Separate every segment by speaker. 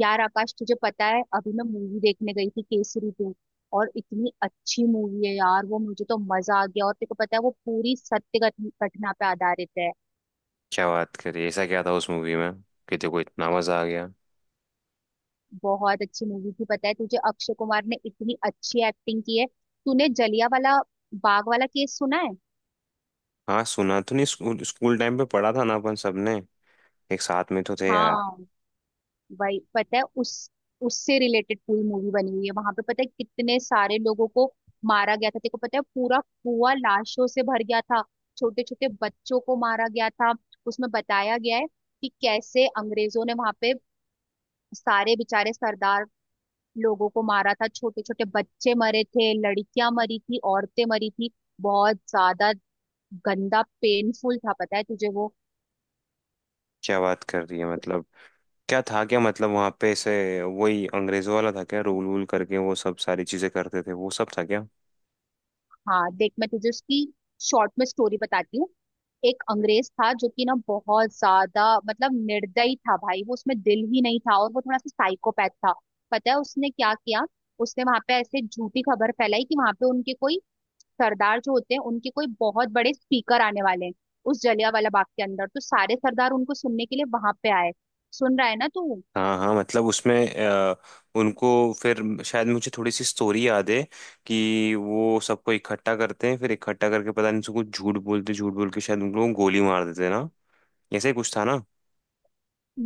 Speaker 1: यार आकाश, तुझे पता है अभी मैं मूवी देखने गई थी केसरी टू। और इतनी अच्छी मूवी है यार वो, मुझे तो मजा आ गया। और तेरे को पता है वो पूरी सत्य घटना पे आधारित है।
Speaker 2: क्या बात करी? ऐसा क्या था उस मूवी में कि देखो इतना मजा आ गया।
Speaker 1: बहुत अच्छी मूवी थी। पता है तुझे, अक्षय कुमार ने इतनी अच्छी एक्टिंग की है। तूने जलिया वाला बाग वाला केस सुना है?
Speaker 2: हाँ, सुना तो नहीं, स्कूल स्कूल टाइम पे पढ़ा था ना अपन सबने। एक साथ में तो थे यार।
Speaker 1: हाँ। वही, पता है उस उससे रिलेटेड पूरी मूवी बनी हुई है। वहां पे पता है कितने सारे लोगों को मारा गया था। देखो पता है, पूरा कुआं लाशों से भर गया था। छोटे छोटे बच्चों को मारा गया था। उसमें बताया गया है कि कैसे अंग्रेजों ने वहां पे सारे बेचारे सरदार लोगों को मारा था। छोटे छोटे बच्चे मरे थे, लड़कियां मरी थी, औरतें मरी थी। बहुत ज्यादा गंदा, पेनफुल था, पता है तुझे वो?
Speaker 2: क्या बात कर रही है? मतलब क्या था क्या? मतलब वहां पे ऐसे वही अंग्रेजों वाला था क्या? रूल वूल करके वो सब सारी चीजें करते थे, वो सब था क्या?
Speaker 1: हाँ देख, मैं तुझे उसकी शॉर्ट में स्टोरी बताती हूँ। एक अंग्रेज था जो कि ना बहुत ज्यादा, मतलब निर्दयी था भाई, वो उसमें दिल ही नहीं था, और वो थोड़ा सा साइकोपैथ था। पता है उसने क्या किया? उसने वहां पे ऐसे झूठी खबर फैलाई कि वहां पे उनके कोई सरदार जो होते हैं, उनके कोई बहुत बड़े स्पीकर आने वाले हैं उस जलियांवाला बाग के अंदर। तो सारे सरदार उनको सुनने के लिए वहां पे आए। सुन रहा है ना तू?
Speaker 2: हाँ हाँ, मतलब उसमें उनको फिर शायद मुझे थोड़ी सी स्टोरी याद है कि वो सबको इकट्ठा करते हैं, फिर इकट्ठा करके पता नहीं उनको कुछ झूठ बोल के शायद उन लोगों को गोली मार देते हैं ना। ऐसे ही कुछ था ना।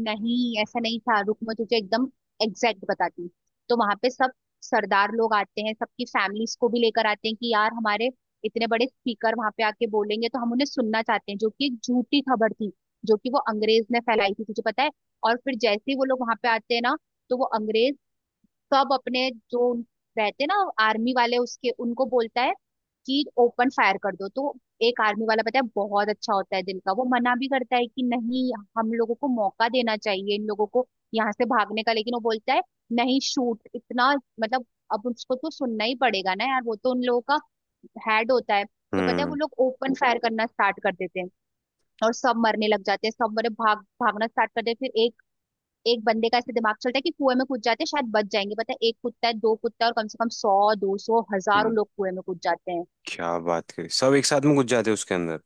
Speaker 1: नहीं, ऐसा नहीं था। रुक, मैं तुझे एकदम एग्जैक्ट बताती हूँ। तो वहां पे सब सरदार लोग आते हैं, सबकी फैमिलीज को भी लेकर आते हैं कि यार हमारे इतने बड़े स्पीकर वहां पे आके बोलेंगे तो हम उन्हें सुनना चाहते हैं, जो कि एक झूठी खबर थी, जो कि वो अंग्रेज ने फैलाई थी, तुझे पता है। और फिर जैसे ही वो लोग वहां पे आते हैं ना, तो वो अंग्रेज सब अपने जो रहते ना, आर्मी वाले, उसके, उनको बोलता है कि ओपन फायर कर दो। तो एक आर्मी वाला पता है बहुत अच्छा होता है दिल का, वो मना भी करता है कि नहीं, हम लोगों को मौका देना चाहिए इन लोगों को यहाँ से भागने का। लेकिन वो बोलता है नहीं, शूट। इतना मतलब, अब उसको तो सुनना ही पड़ेगा ना यार, वो तो उन लोगों का हेड होता है। तो पता है वो
Speaker 2: हम्म।
Speaker 1: लोग ओपन फायर करना स्टार्ट कर देते हैं और सब मरने लग जाते हैं। सब मरे, भागना स्टार्ट कर देते हैं। फिर एक एक बंदे का ऐसे दिमाग चलता है कि कुएं में कूद जाते हैं, शायद बच जाएंगे। पता है एक कुत्ता है, दो कुत्ता है, और कम से कम 100 200 हजारों
Speaker 2: हम्म।
Speaker 1: लोग कुएं में कूद जाते हैं।
Speaker 2: क्या बात करी? सब एक साथ में घुस जाते उसके अंदर,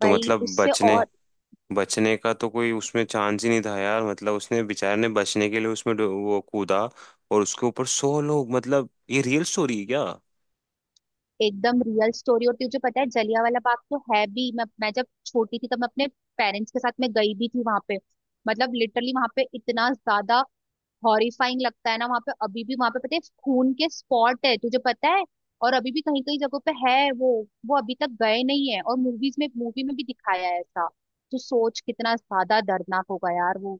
Speaker 2: तो
Speaker 1: भाई
Speaker 2: मतलब
Speaker 1: उससे
Speaker 2: बचने
Speaker 1: और,
Speaker 2: बचने का तो कोई उसमें चांस ही नहीं था यार। मतलब उसने बेचारे ने बचने के लिए उसमें वो कूदा, और उसके ऊपर 100 लोग। मतलब ये रियल स्टोरी है क्या?
Speaker 1: एकदम रियल स्टोरी। और तुझे पता है जलियांवाला बाग तो है भी, मैं जब छोटी थी तब मैं अपने पेरेंट्स के साथ मैं गई भी थी वहां पे। मतलब लिटरली वहां पे इतना ज्यादा हॉरिफाइंग लगता है ना। वहां पे अभी भी, वहां पे पता है खून के स्पॉट है, तुझे पता है? और अभी भी कहीं कहीं जगहों पे है वो। अभी तक गए नहीं है। और मूवीज में, मूवी में भी दिखाया है ऐसा। तो सोच कितना ज्यादा दर्दनाक होगा यार वो।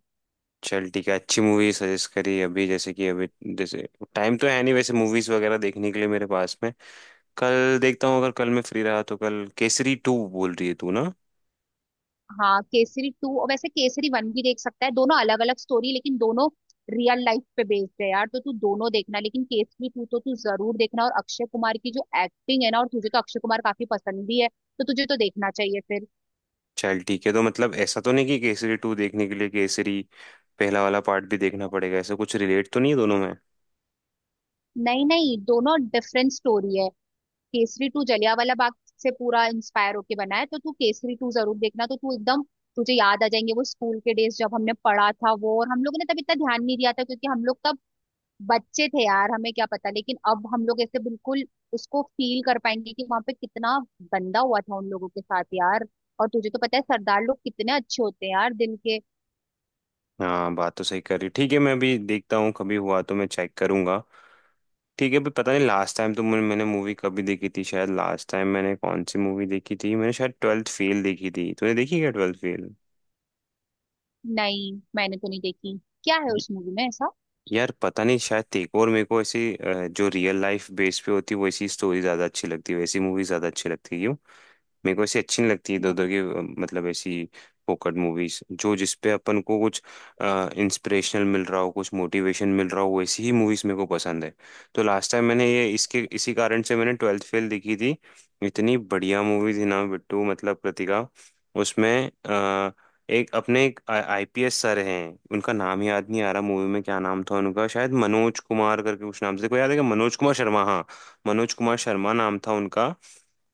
Speaker 2: चल ठीक है, अच्छी मूवी सजेस्ट करी। अभी जैसे कि अभी जैसे टाइम तो है नहीं वैसे मूवीज वगैरह देखने के लिए मेरे पास में। कल देखता हूँ, अगर कल मैं फ्री रहा तो। कल केसरी टू बोल रही है तू ना?
Speaker 1: हाँ, केसरी टू, और वैसे केसरी वन भी देख सकता है। दोनों अलग अलग स्टोरी, लेकिन दोनों रियल लाइफ पे बेस्ड है यार। तो तू दोनों देखना, लेकिन केसरी टू तो तू जरूर देखना। और अक्षय कुमार की जो एक्टिंग है ना, और तुझे तो अक्षय कुमार काफी पसंद भी है, तो तुझे तो देखना चाहिए फिर।
Speaker 2: चल ठीक है। तो मतलब ऐसा तो नहीं कि केसरी टू देखने के लिए केसरी पहला वाला पार्ट भी देखना पड़ेगा? ऐसा कुछ रिलेट तो नहीं है दोनों में?
Speaker 1: नहीं नहीं, दोनों डिफरेंट स्टोरी है। केसरी टू जलियांवाला बाग से पूरा इंस्पायर होके बना है। तो तू केसरी टू जरूर देखना, तो तू एकदम, तुझे याद आ जाएंगे वो स्कूल के डेज जब हमने पढ़ा था वो। और हम लोगों ने तब इतना ध्यान नहीं दिया था क्योंकि हम लोग तब बच्चे थे यार, हमें क्या पता। लेकिन अब हम लोग ऐसे बिल्कुल उसको फील कर पाएंगे कि वहां पे कितना गंदा हुआ था उन लोगों के साथ यार। और तुझे तो पता है सरदार लोग कितने अच्छे होते हैं यार दिल के।
Speaker 2: हाँ, बात तो सही कर रही। ठीक है, मैं अभी देखता हूँ, कभी हुआ तो मैं चेक करूंगा। ठीक है, अभी पता नहीं। लास्ट टाइम तो मैंने मैंने मूवी कभी देखी थी शायद। लास्ट टाइम मैंने कौन सी मूवी देखी थी? मैंने शायद ट्वेल्थ फेल देखी थी। तूने देखी क्या ट्वेल्थ फेल?
Speaker 1: नहीं, मैंने तो नहीं देखी। क्या है
Speaker 2: य-
Speaker 1: उस मूवी में ऐसा?
Speaker 2: यार पता नहीं, शायद तेरे को और मेरे को ऐसी जो रियल लाइफ बेस पे होती है वैसी स्टोरी ज्यादा अच्छी लगती है, वैसी मूवी ज्यादा अच्छी लगती है क्यों? मेरे को ऐसी अच्छी नहीं लगती इधर उधर की, मतलब ऐसी फोकट मूवीज। जो जिसपे अपन को कुछ इंस्पिरेशनल मिल रहा हो, कुछ मोटिवेशन मिल रहा हो, वैसी ही मूवीज मेरे को पसंद है। तो लास्ट टाइम मैंने ये इसके इसी कारण से मैंने ट्वेल्थ फेल देखी थी। इतनी बढ़िया मूवी थी ना बिट्टू, मतलब कृतिका उसमें। अ, एक आईपीएस सर हैं, उनका नाम याद नहीं आ रहा मूवी में। क्या नाम था उनका? शायद मनोज कुमार करके कुछ नाम से, कोई याद है क्या? मनोज कुमार शर्मा, हाँ। मनोज कुमार शर्मा नाम था उनका।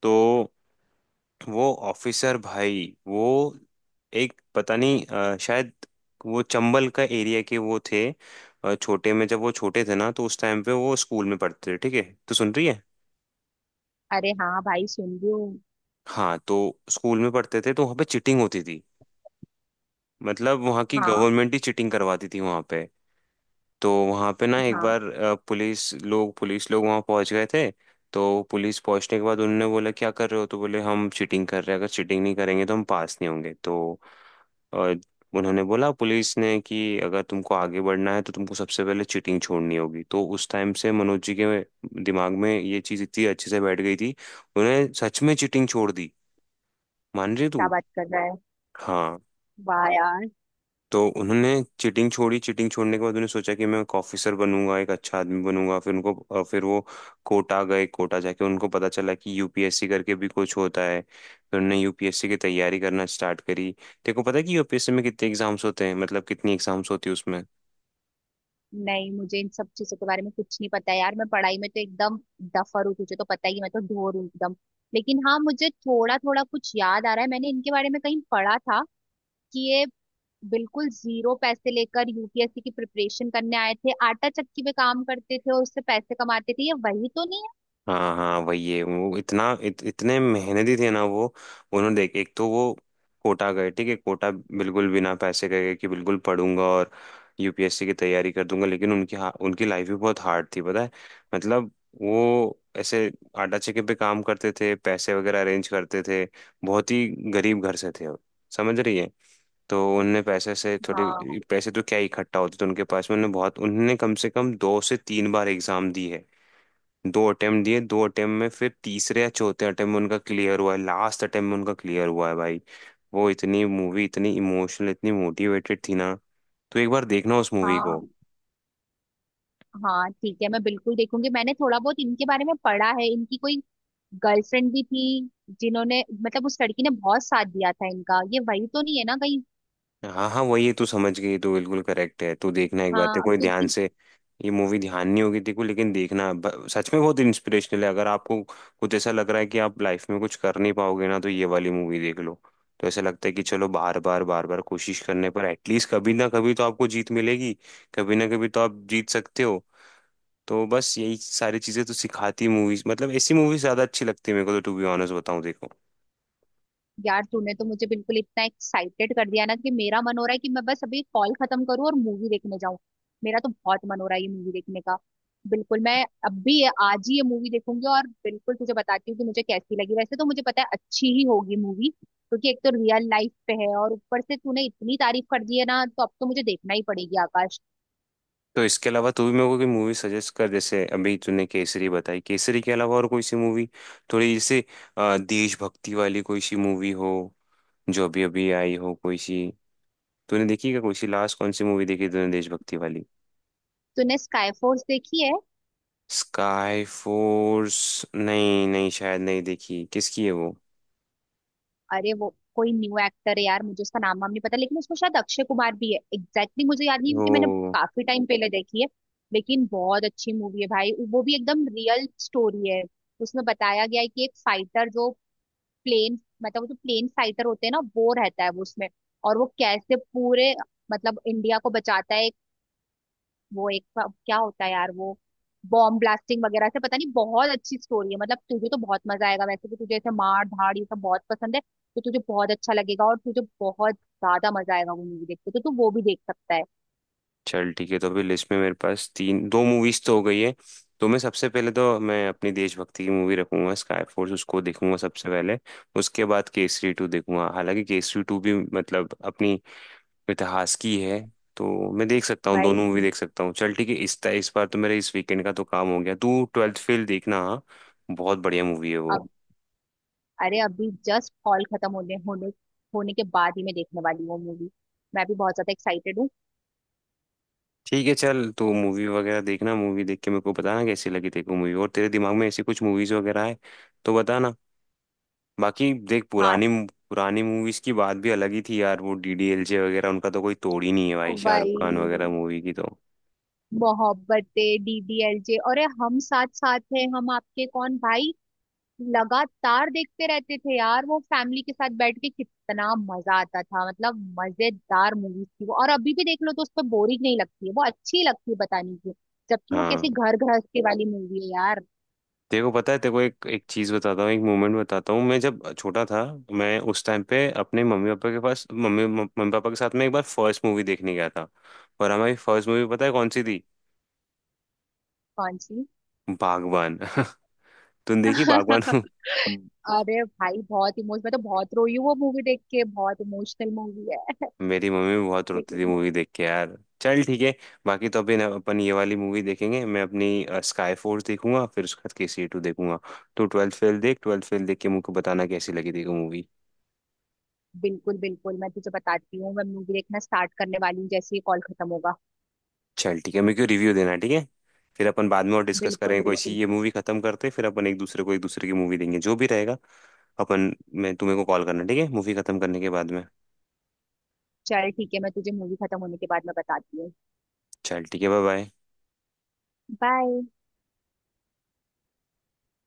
Speaker 2: तो वो ऑफिसर भाई वो एक, पता नहीं शायद वो चंबल का एरिया के वो थे। छोटे में, जब वो छोटे थे ना, तो उस टाइम पे वो स्कूल में पढ़ते थे, ठीक है? तो सुन रही है?
Speaker 1: अरे हाँ भाई, सुन रही हूँ।
Speaker 2: हाँ, तो स्कूल में पढ़ते थे तो वहाँ पे चिटिंग होती थी। मतलब वहाँ की
Speaker 1: हाँ
Speaker 2: गवर्नमेंट ही चिटिंग करवाती थी वहाँ पे। तो वहाँ पे ना एक
Speaker 1: हाँ,
Speaker 2: बार पुलिस लोग वहाँ पहुँच गए थे। तो पुलिस पहुँचने के बाद उन्होंने बोला क्या कर रहे हो, तो बोले हम चीटिंग कर रहे हैं, अगर चीटिंग नहीं करेंगे तो हम पास नहीं होंगे। तो अ, उन्होंने बोला पुलिस ने कि अगर तुमको आगे बढ़ना है तो तुमको सबसे पहले चीटिंग छोड़नी होगी। तो उस टाइम से मनोज जी के दिमाग में ये चीज़ इतनी अच्छे से बैठ गई थी, उन्हें सच में चीटिंग छोड़ दी। मान रही तू?
Speaker 1: क्या बात कर रहा है।
Speaker 2: हाँ।
Speaker 1: वाह यार।
Speaker 2: तो उन्होंने चीटिंग छोड़ी, चीटिंग छोड़ने के बाद उन्होंने सोचा कि मैं एक ऑफिसर बनूंगा, एक अच्छा आदमी बनूंगा। फिर उनको, फिर वो कोटा गए। कोटा जाके उनको पता चला कि यूपीएससी करके भी कुछ होता है। फिर उन्होंने यूपीएससी की तैयारी करना स्टार्ट करी। तेरे को पता है कि यूपीएससी में कितने एग्जाम्स होते हैं, मतलब कितनी एग्जाम्स होती है उसमें?
Speaker 1: नहीं, मुझे इन सब चीजों के बारे में कुछ नहीं पता है यार। मैं पढ़ाई में तो एकदम डफर हूँ, तुझे तो पता ही है, मैं तो ढोर हूँ एकदम। लेकिन हाँ, मुझे थोड़ा थोड़ा कुछ याद आ रहा है, मैंने इनके बारे में कहीं पढ़ा था कि ये बिल्कुल जीरो पैसे लेकर यूपीएससी की प्रिपरेशन करने आए थे, आटा चक्की पे काम करते थे और उससे पैसे कमाते थे। ये वही तो नहीं है?
Speaker 2: हाँ हाँ, वही है वो। इतना इतने मेहनती थे ना वो। उन्होंने देख, एक तो वो कोटा गए ठीक है, कोटा बिल्कुल बिना पैसे के गए कि बिल्कुल पढ़ूंगा और यूपीएससी की तैयारी कर दूंगा, लेकिन उनकी लाइफ भी बहुत हार्ड थी पता है। मतलब वो ऐसे आटा चक्की पे काम करते थे, पैसे वगैरह अरेंज करते थे, बहुत ही गरीब घर से थे वो, समझ रही है? तो उनने पैसे से थोड़े
Speaker 1: हाँ
Speaker 2: पैसे तो क्या ही इकट्ठा होते थे उनके पास में। उन्होंने बहुत, उन्होंने कम से कम 2 से 3 बार एग्जाम दी है। 2 अटेम्प्ट दिए, 2 अटेम्प्ट में फिर तीसरे या चौथे अटेम्प्ट में उनका क्लियर हुआ है। लास्ट अटेम्प्ट में उनका क्लियर हुआ है भाई। वो इतनी मूवी, इतनी इमोशनल, इतनी मोटिवेटेड थी ना, तो एक बार देखना उस मूवी को।
Speaker 1: हाँ। हाँ ठीक है, मैं बिल्कुल देखूंगी। मैंने थोड़ा बहुत इनके बारे में पढ़ा है। इनकी कोई गर्लफ्रेंड भी थी जिन्होंने, मतलब उस लड़की ने, बहुत साथ दिया था इनका। ये वही तो नहीं है ना कहीं?
Speaker 2: हाँ हाँ, वही है, तू समझ गई, तू बिल्कुल करेक्ट है। तू देखना एक बार
Speaker 1: हाँ,
Speaker 2: तेरे को
Speaker 1: अब
Speaker 2: ये ध्यान
Speaker 1: क्योंकि,
Speaker 2: से। ये मूवी ध्यान नहीं होगी तेरे को, लेकिन देखना। सच में बहुत इंस्पिरेशनल है। अगर आपको कुछ ऐसा लग रहा है कि आप लाइफ में कुछ कर नहीं पाओगे ना, तो ये वाली मूवी देख लो। तो ऐसा लगता है कि चलो, बार बार बार बार कोशिश करने पर एटलीस्ट कभी ना कभी तो आपको जीत मिलेगी। कभी ना कभी तो आप जीत सकते हो। तो बस यही सारी चीजें तो सिखाती मूवीज, मतलब ऐसी मूवीज ज्यादा अच्छी लगती है मेरे को, तो टू बी ऑनेस्ट बताऊं देखो।
Speaker 1: यार तूने तो मुझे बिल्कुल इतना एक्साइटेड कर दिया ना कि मेरा मन हो रहा है कि मैं बस अभी कॉल खत्म करूँ और मूवी देखने जाऊं। मेरा तो बहुत मन हो रहा है ये मूवी देखने का। बिल्कुल, मैं अब भी आज ही ये मूवी देखूंगी और बिल्कुल तुझे बताती हूँ कि मुझे कैसी लगी। वैसे तो मुझे पता है अच्छी ही होगी मूवी, क्योंकि एक तो रियल लाइफ पे है और ऊपर से तूने इतनी तारीफ कर दी है ना। तो अब तो मुझे देखना ही पड़ेगी आकाश।
Speaker 2: तो इसके अलावा तू भी मेरे को कोई मूवी सजेस्ट कर। जैसे अभी तूने केसरी बताई, केसरी के अलावा और कोई सी मूवी थोड़ी जैसे देशभक्ति वाली कोई सी मूवी हो जो अभी अभी आई हो कोई सी। तूने देखी क्या कोई सी? लास्ट कौन सी मूवी देखी तूने देशभक्ति वाली?
Speaker 1: तूने स्काई फोर्स देखी है?
Speaker 2: Sky Force? नहीं नहीं, शायद नहीं देखी। किसकी है वो?
Speaker 1: अरे वो कोई न्यू एक्टर है यार, मुझे उसका नाम वाम नहीं पता, लेकिन उसमें शायद अक्षय कुमार भी है। एग्जैक्टली, मुझे याद नहीं क्योंकि मैंने
Speaker 2: ओ,
Speaker 1: काफी टाइम पहले देखी है। लेकिन बहुत अच्छी मूवी है भाई। वो भी एकदम रियल स्टोरी है। उसमें बताया गया है कि एक फाइटर जो प्लेन, मतलब वो जो प्लेन फाइटर होते हैं ना, वो रहता है वो उसमें। और वो कैसे पूरे, मतलब इंडिया को बचाता है। वो एक क्या होता है यार वो, बॉम्ब ब्लास्टिंग वगैरह से, पता नहीं, बहुत अच्छी स्टोरी है। मतलब तुझे तो बहुत मजा आएगा, वैसे भी तुझे ऐसे मार धाड़ ये सब बहुत पसंद है। तो तुझे बहुत अच्छा लगेगा और तुझे बहुत ज्यादा मजा आएगा वो मूवी देख के। तो तू वो भी देख सकता है।
Speaker 2: चल ठीक है, तो अभी लिस्ट में मेरे पास तीन, दो मूवीज तो हो गई है। तो मैं सबसे पहले तो मैं अपनी देशभक्ति की मूवी रखूंगा स्काई फोर्स, उसको देखूंगा सबसे पहले। उसके बाद केसरी टू देखूंगा, हालांकि केसरी टू भी मतलब अपनी इतिहास की है। तो मैं देख सकता हूँ,
Speaker 1: भाई
Speaker 2: दोनों मूवी देख सकता हूँ। चल ठीक है, इस बार तो मेरे इस वीकेंड का तो काम हो गया। तू ट्वेल्थ फेल देखना, हाँ? बहुत बढ़िया मूवी है वो।
Speaker 1: अब, अरे अभी जस्ट हॉल खत्म होने होने होने के बाद ही मैं देखने वाली हूँ वो मूवी। मैं भी बहुत ज्यादा एक्साइटेड हूँ।
Speaker 2: ठीक है चल, तो मूवी वगैरह देखना, मूवी देख के मेरे को बताना कैसी लगी तेरे को मूवी। और तेरे दिमाग में ऐसी कुछ मूवीज वगैरह है तो बताना। बाकी देख,
Speaker 1: हाँ
Speaker 2: पुरानी पुरानी मूवीज की बात भी अलग ही थी यार। वो डीडीएलजे वगैरह उनका तो कोई तोड़ ही नहीं है भाई, शाहरुख खान वगैरह
Speaker 1: भाई,
Speaker 2: मूवी की तो।
Speaker 1: मोहब्बतें, डीडीएलजे, अरे हम साथ साथ हैं, हम आपके कौन, भाई लगातार देखते रहते थे यार वो, फैमिली के साथ बैठ के कितना मजा आता था। मतलब मजेदार मूवीज थी वो। और अभी भी देख लो तो उस पर बोरिंग नहीं लगती है वो, अच्छी लगती है बताने की। जबकि वो
Speaker 2: हाँ,
Speaker 1: कैसी घर गृहस्थी वाली मूवी है यार।
Speaker 2: तेरे को पता है, तेरे को एक एक चीज बताता हूँ, एक मोमेंट बताता हूँ। मैं जब छोटा था, मैं उस टाइम पे अपने मम्मी पापा के पास मम्मी मम्मी पापा के साथ में एक बार फर्स्ट मूवी देखने गया था। और हमारी फर्स्ट मूवी पता है कौन सी थी?
Speaker 1: कौन सी?
Speaker 2: बागबान। तुम देखी बागबान?
Speaker 1: अरे भाई बहुत इमोश मैं तो बहुत रोई हूँ वो मूवी देख के, बहुत इमोशनल मूवी है।
Speaker 2: मेरी मम्मी भी बहुत रोती थी
Speaker 1: लेकिन
Speaker 2: मूवी देख के यार। चल ठीक है। बाकी तो अभी ना अपन ये वाली मूवी देखेंगे, मैं अपनी स्काई फोर्स देखूंगा, फिर उसके बाद के सी टू देखूंगा। तो ट्वेल्थ फेल देख, ट्वेल्थ फेल देख के मुझको बताना कैसी लगी थी मूवी।
Speaker 1: बिल्कुल बिल्कुल, मैं तुझे बताती हूँ, मैं मूवी देखना स्टार्ट करने वाली हूँ जैसे ही कॉल खत्म होगा।
Speaker 2: चल ठीक है, मेरे को रिव्यू देना ठीक है? फिर अपन बाद में और डिस्कस
Speaker 1: बिल्कुल
Speaker 2: करेंगे कोई सी।
Speaker 1: बिल्कुल।
Speaker 2: ये मूवी खत्म करते हैं, फिर अपन एक दूसरे को एक दूसरे की मूवी देंगे जो भी रहेगा। अपन मैं तुम्हें को कॉल करना ठीक है मूवी खत्म करने के बाद में।
Speaker 1: चल ठीक है, मैं तुझे मूवी खत्म होने के बाद मैं बताती हूँ।
Speaker 2: चल ठीक है, बाय बाय।
Speaker 1: बाय।